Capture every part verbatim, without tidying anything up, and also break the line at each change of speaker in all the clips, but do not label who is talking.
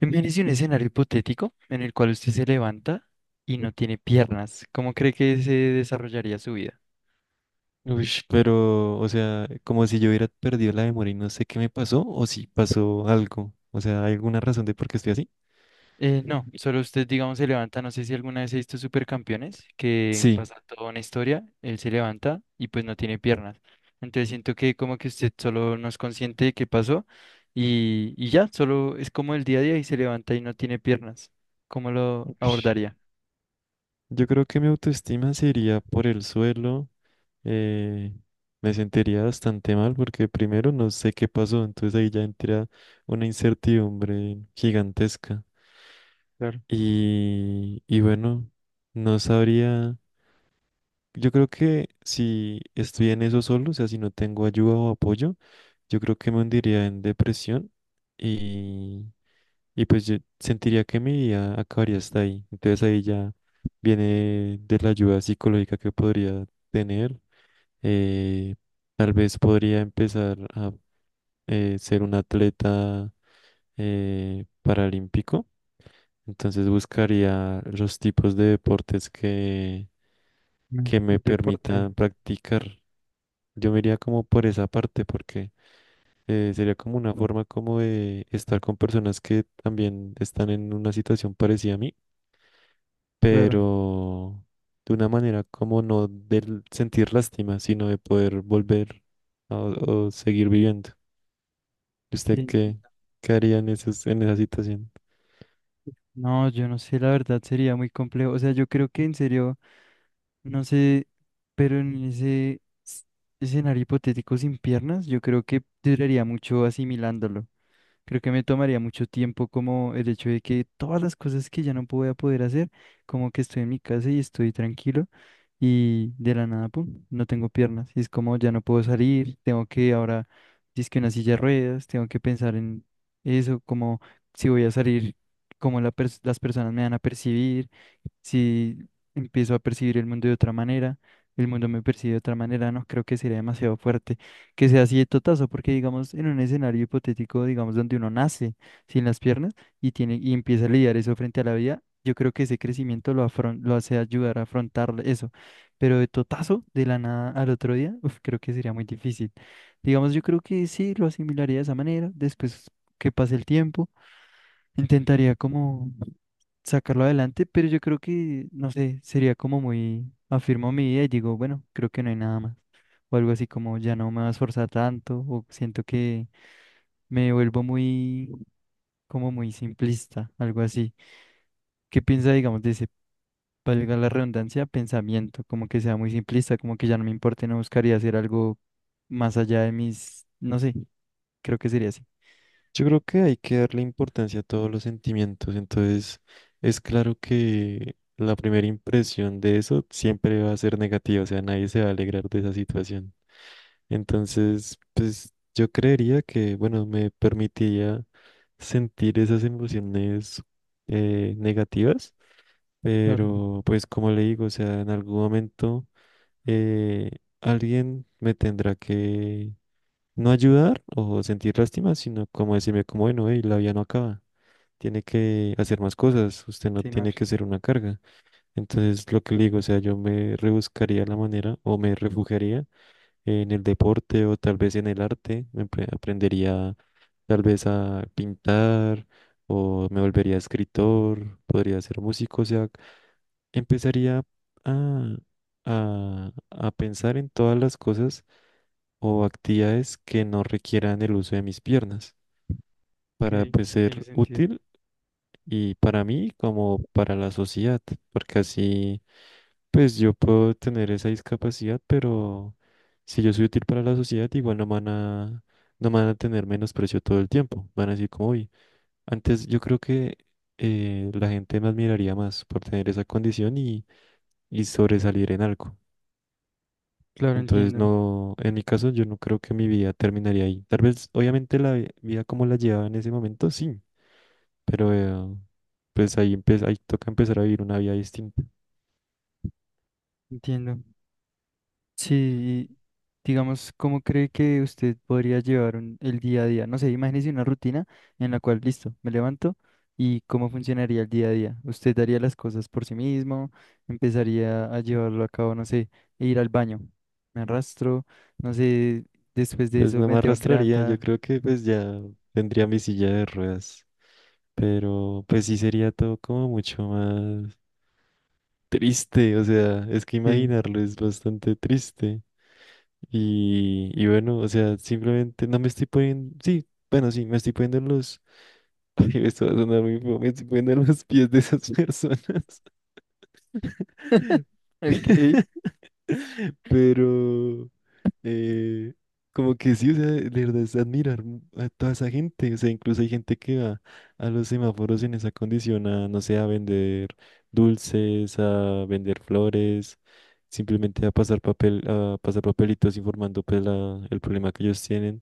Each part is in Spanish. Imagínese un escenario hipotético en el cual usted se levanta y no tiene piernas. ¿Cómo cree que se desarrollaría su vida?
Uy, pero, o sea, como si yo hubiera perdido la memoria y no sé qué me pasó, o si pasó algo. O sea, ¿hay alguna razón de por qué estoy así?
Eh, no, solo usted, digamos, se levanta. No sé si alguna vez he visto Supercampeones, que
Sí.
pasa toda una historia, él se levanta y pues no tiene piernas. Entonces siento que como que usted solo no es consciente de qué pasó y, y ya, solo es como el día a día y se levanta y no tiene piernas. ¿Cómo lo
Ush.
abordaría?
Yo creo que mi autoestima se iría por el suelo. eh, Me sentiría bastante mal porque primero no sé qué pasó, entonces ahí ya entra una incertidumbre gigantesca.
Claro,
Y, y bueno, no sabría. Yo creo que si estoy en eso solo, o sea, si no tengo ayuda o apoyo, yo creo que me hundiría en depresión y, y pues yo sentiría que mi vida acabaría hasta ahí. Entonces ahí ya viene de la ayuda psicológica que podría tener. eh, Tal vez podría empezar a eh, ser un atleta eh, paralímpico. Entonces buscaría los tipos de deportes que,
un
que me
deporte,
permitan practicar. Yo me iría como por esa parte porque eh, sería como una forma como de estar con personas que también están en una situación parecida a mí,
claro.
pero de una manera como no del sentir lástima, sino de poder volver a- o seguir viviendo. ¿Y
Sí,
¿Usted qué,
entiendo.
qué haría en esas, en esa situación?
No, yo no sé, la verdad sería muy complejo. O sea, yo creo que en serio, no sé, pero en ese s- escenario hipotético sin piernas, yo creo que duraría mucho asimilándolo. Creo que me tomaría mucho tiempo como el hecho de que todas las cosas que ya no voy a poder hacer, como que estoy en mi casa y estoy tranquilo y de la nada, pum, no tengo piernas. Y es como ya no puedo salir, tengo que ahora, que una silla de ruedas, tengo que pensar en eso, como si voy a salir, como las personas me van a percibir, si empiezo a percibir el mundo de otra manera, el mundo me percibe de otra manera, no creo que sería demasiado fuerte que sea así de totazo, porque digamos en un escenario hipotético, digamos donde uno nace sin las piernas y tiene y empieza a lidiar eso frente a la vida, yo creo que ese crecimiento lo afron- lo hace ayudar a afrontar eso, pero de totazo, de la nada al otro día, uf, creo que sería muy difícil. Digamos, yo creo que sí lo asimilaría de esa manera, después que pase el tiempo. Intentaría como sacarlo adelante, pero yo creo que, no sé, sería como muy, afirmo mi idea y digo, bueno, creo que no hay nada más. O algo así como ya no me va a esforzar tanto, o siento que me vuelvo muy, como muy simplista, algo así. ¿Qué piensa, digamos, de ese, valga la redundancia, pensamiento? Como que sea muy simplista, como que ya no me importe, no buscaría hacer algo más allá de mis, no sé, creo que sería así.
Yo creo que hay que darle importancia a todos los sentimientos, entonces es claro que la primera impresión de eso siempre va a ser negativa, o sea, nadie se va a alegrar de esa situación. Entonces, pues yo creería que, bueno, me permitiría sentir esas emociones eh, negativas,
Claro,
pero pues como le digo, o sea, en algún momento eh, alguien me tendrá que no ayudar o sentir lástima, sino como decirme como, bueno, hey, la vida no acaba, tiene que hacer más cosas, usted no
continuar,
tiene que ser una carga. Entonces, lo que le digo, o sea, yo me rebuscaría la manera o me refugiaría en el deporte o tal vez en el arte. Me empre- aprendería tal vez a pintar o me volvería escritor, podría ser músico, o sea, empezaría a, a, a pensar en todas las cosas o actividades que no requieran el uso de mis piernas para
que
pues,
tiene
ser
sentido.
útil y para mí como para la sociedad, porque así... Pues yo puedo tener esa discapacidad, pero si yo soy útil para la sociedad, igual no me van a, no me van a tener menosprecio todo el tiempo. Van a decir como, hoy. Antes yo creo que eh, la gente me admiraría más por tener esa condición y, y sobresalir en algo.
Claro,
Entonces,
entiendo,
no, en mi caso, yo no creo que mi vida terminaría ahí. Tal vez, obviamente, la vi- vida como la llevaba en ese momento, sí, pero eh, pues ahí, empe- ahí toca empezar a vivir una vida distinta.
entiendo. Sí, y digamos, ¿cómo cree que usted podría llevar un- el día a día? No sé, imagínese una rutina en la cual, listo, me levanto y cómo funcionaría el día a día. ¿Usted daría las cosas por sí mismo? ¿Empezaría a llevarlo a cabo, no sé, e ir al baño? ¿Me arrastro? No sé, después de
Pues
eso
no
me
me
tengo que
arrastraría,
levantar.
yo creo que pues ya tendría mi silla de ruedas, pero pues sí sería todo como mucho más triste, o sea, es que
Sí,
imaginarlo es bastante triste. Y, y bueno, o sea, simplemente no me estoy poniendo, sí, bueno, sí, me estoy poniendo en los, ay, esto va a sonar muy feo, me estoy poniendo en los pies de esas personas.
ok.
Pero, eh, como que sí, o sea, de verdad es admirar mu- a toda esa gente. O sea, incluso hay gente que va a los semáforos en esa condición a, no sé, a vender dulces, a vender flores, simplemente a pasar papel, a pasar papelitos informando pues la- el problema que ellos tienen.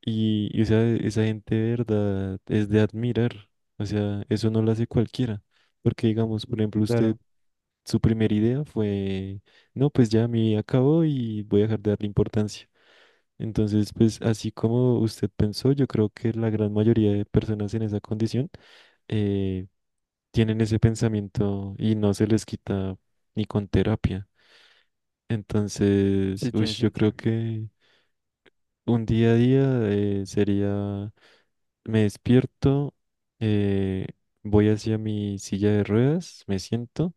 Y, y, o sea, esa gente de verdad es de admirar. O sea, eso no lo hace cualquiera. Porque digamos, por ejemplo, usted
Claro,
su primera idea fue, no, pues ya mi vida acabó y voy a dejar de darle importancia. Entonces, pues así como usted pensó, yo creo que la gran mayoría de personas en esa condición eh, tienen ese pensamiento y no se les quita ni con terapia. Entonces,
sí tiene
ush, yo
sentido.
creo que un día a día eh, sería, me despierto, eh, voy hacia mi silla de ruedas, me siento.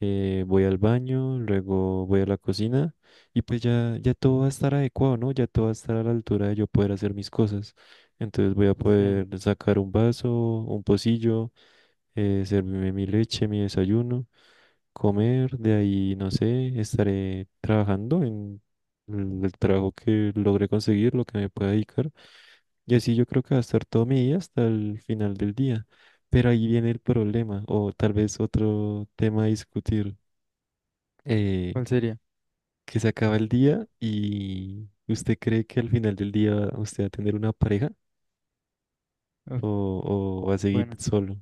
eh, Voy al baño, luego voy a la cocina y pues ya, ya todo va a estar adecuado, ¿no? Ya todo va a estar a la altura de yo poder hacer mis cosas. Entonces voy a
Sí,
poder sacar un vaso, un pocillo, eh, servirme mi leche, mi desayuno, comer, de ahí, no sé, estaré trabajando en el el trabajo que logre conseguir, lo que me pueda dedicar. Y así yo creo que va a estar todo mi día hasta el final del día. Pero ahí viene el problema, o tal vez otro tema a discutir, eh,
¿cuál sería?
que se acaba el día y usted cree que al final del día usted va a tener una pareja
Uf,
o, o va a seguir
bueno.
solo.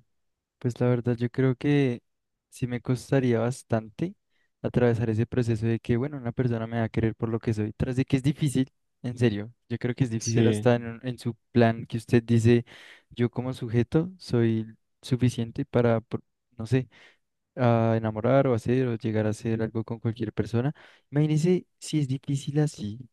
Pues la verdad, yo creo que sí me costaría bastante atravesar ese proceso de que, bueno, una persona me va a querer por lo que soy, tras de que es difícil, en serio, yo creo que es difícil
Sí,
hasta en, un- en su plan que usted dice, yo como sujeto soy suficiente para, por- no sé, a enamorar o hacer o llegar a hacer algo con cualquier persona. Imagínese si es difícil así,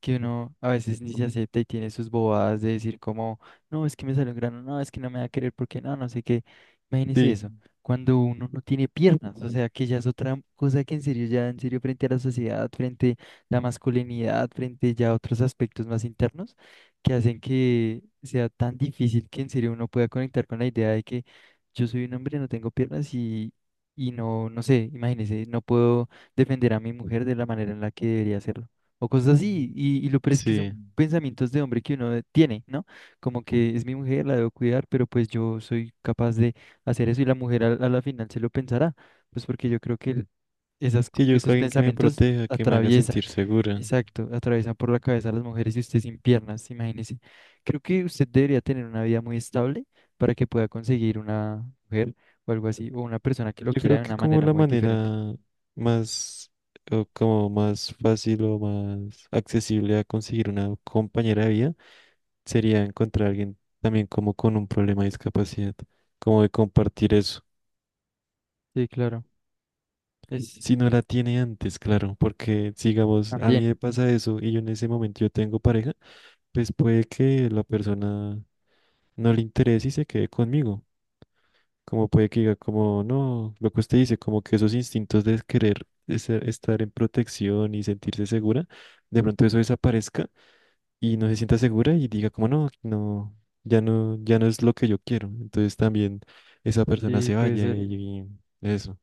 que uno a veces ni se acepta y tiene sus bobadas de decir como, no, es que me salió un grano, no, es que no me va a querer porque no, no sé qué. Imagínese
sí.
eso, cuando uno no tiene piernas, o sea, que ya es otra cosa que en serio, ya en serio frente a la sociedad, frente a la masculinidad, frente ya a otros aspectos más internos, que hacen que sea tan difícil que en serio uno pueda conectar con la idea de que yo soy un hombre, no tengo piernas y... Y no, no sé, imagínese, no puedo defender a mi mujer de la manera en la que debería hacerlo o cosas
Ujú.
así. Y, y lo peor es que
Sí.
son pensamientos de hombre que uno tiene, ¿no? Como que es mi mujer, la debo cuidar, pero pues yo soy capaz de hacer eso y la mujer a, a la final se lo pensará, pues porque yo creo que el- esas, co-
Sí, yo busco a
esos
alguien que me
pensamientos
proteja, que me haga
atraviesan,
sentir segura.
exacto, atraviesan por la cabeza a las mujeres y usted sin piernas, imagínese. Creo que usted debería tener una vida muy estable para que pueda conseguir una mujer o algo así, o una persona que lo
Yo
quiera
creo
de
que
una
como
manera
la
muy diferente.
manera más, o como más fácil o más accesible a conseguir una compañera de vida sería encontrar a alguien también como con un problema de discapacidad, como de compartir eso.
Sí, claro. Es
Si no la tiene antes, claro, porque digamos, a mí me
también,
pasa eso y yo en ese momento yo tengo pareja, pues puede que la persona no le interese y se quede conmigo. Como puede que diga, como no, lo que usted dice, como que esos instintos de querer de ser- estar en protección y sentirse segura, de pronto eso desaparezca y no se sienta segura y diga como no, aquí no, ya no, ya no es lo que yo quiero. Entonces también esa persona
sí,
se
puede
vaya y
ser.
ahí eso.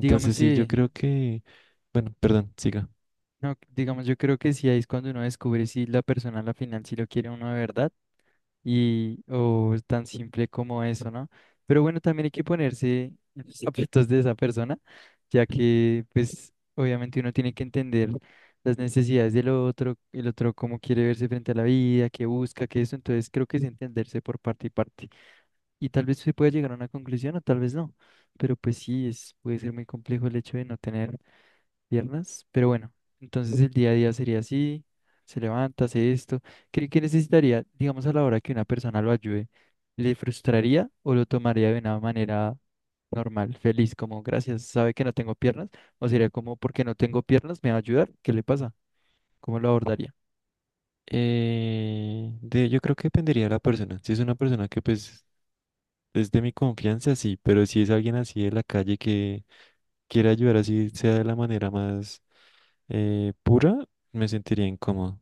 Digamos,
sí, yo
sí,
creo que, bueno, perdón, siga.
no, digamos, yo creo que sí ahí es cuando uno descubre si la persona a la final sí lo quiere uno de verdad y o es tan simple como eso, ¿no? Pero bueno, también hay que ponerse en los zapatos de esa persona, ya que pues obviamente uno tiene que entender las necesidades del otro, el otro cómo quiere verse frente a la vida, qué busca, qué eso, entonces creo que es entenderse por parte y parte. Y tal vez se pueda llegar a una conclusión o tal vez no, pero pues sí, es, puede ser muy complejo el hecho de no tener piernas, pero bueno, entonces el día a día sería así, se levanta, hace esto. ¿Qué, qué necesitaría, digamos, a la hora que una persona lo ayude? ¿Le frustraría o lo tomaría de una manera normal, feliz, como gracias, sabe que no tengo piernas? ¿O sería como porque no tengo piernas, me va a ayudar? ¿Qué le pasa? ¿Cómo lo abordaría?
Eh, de, yo creo que dependería de la persona. Si es una persona que pues es de mi confianza, sí, pero si es alguien así de la calle que quiere ayudar así sea de la manera más eh, pura, me sentiría incómodo.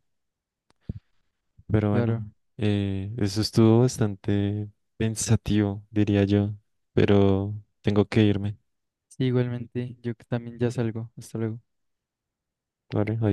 Pero bueno,
Claro,
eh, eso estuvo bastante pensativo, diría yo, pero tengo que irme,
sí, igualmente, yo que también ya salgo, hasta luego.
¿vale? Adiós.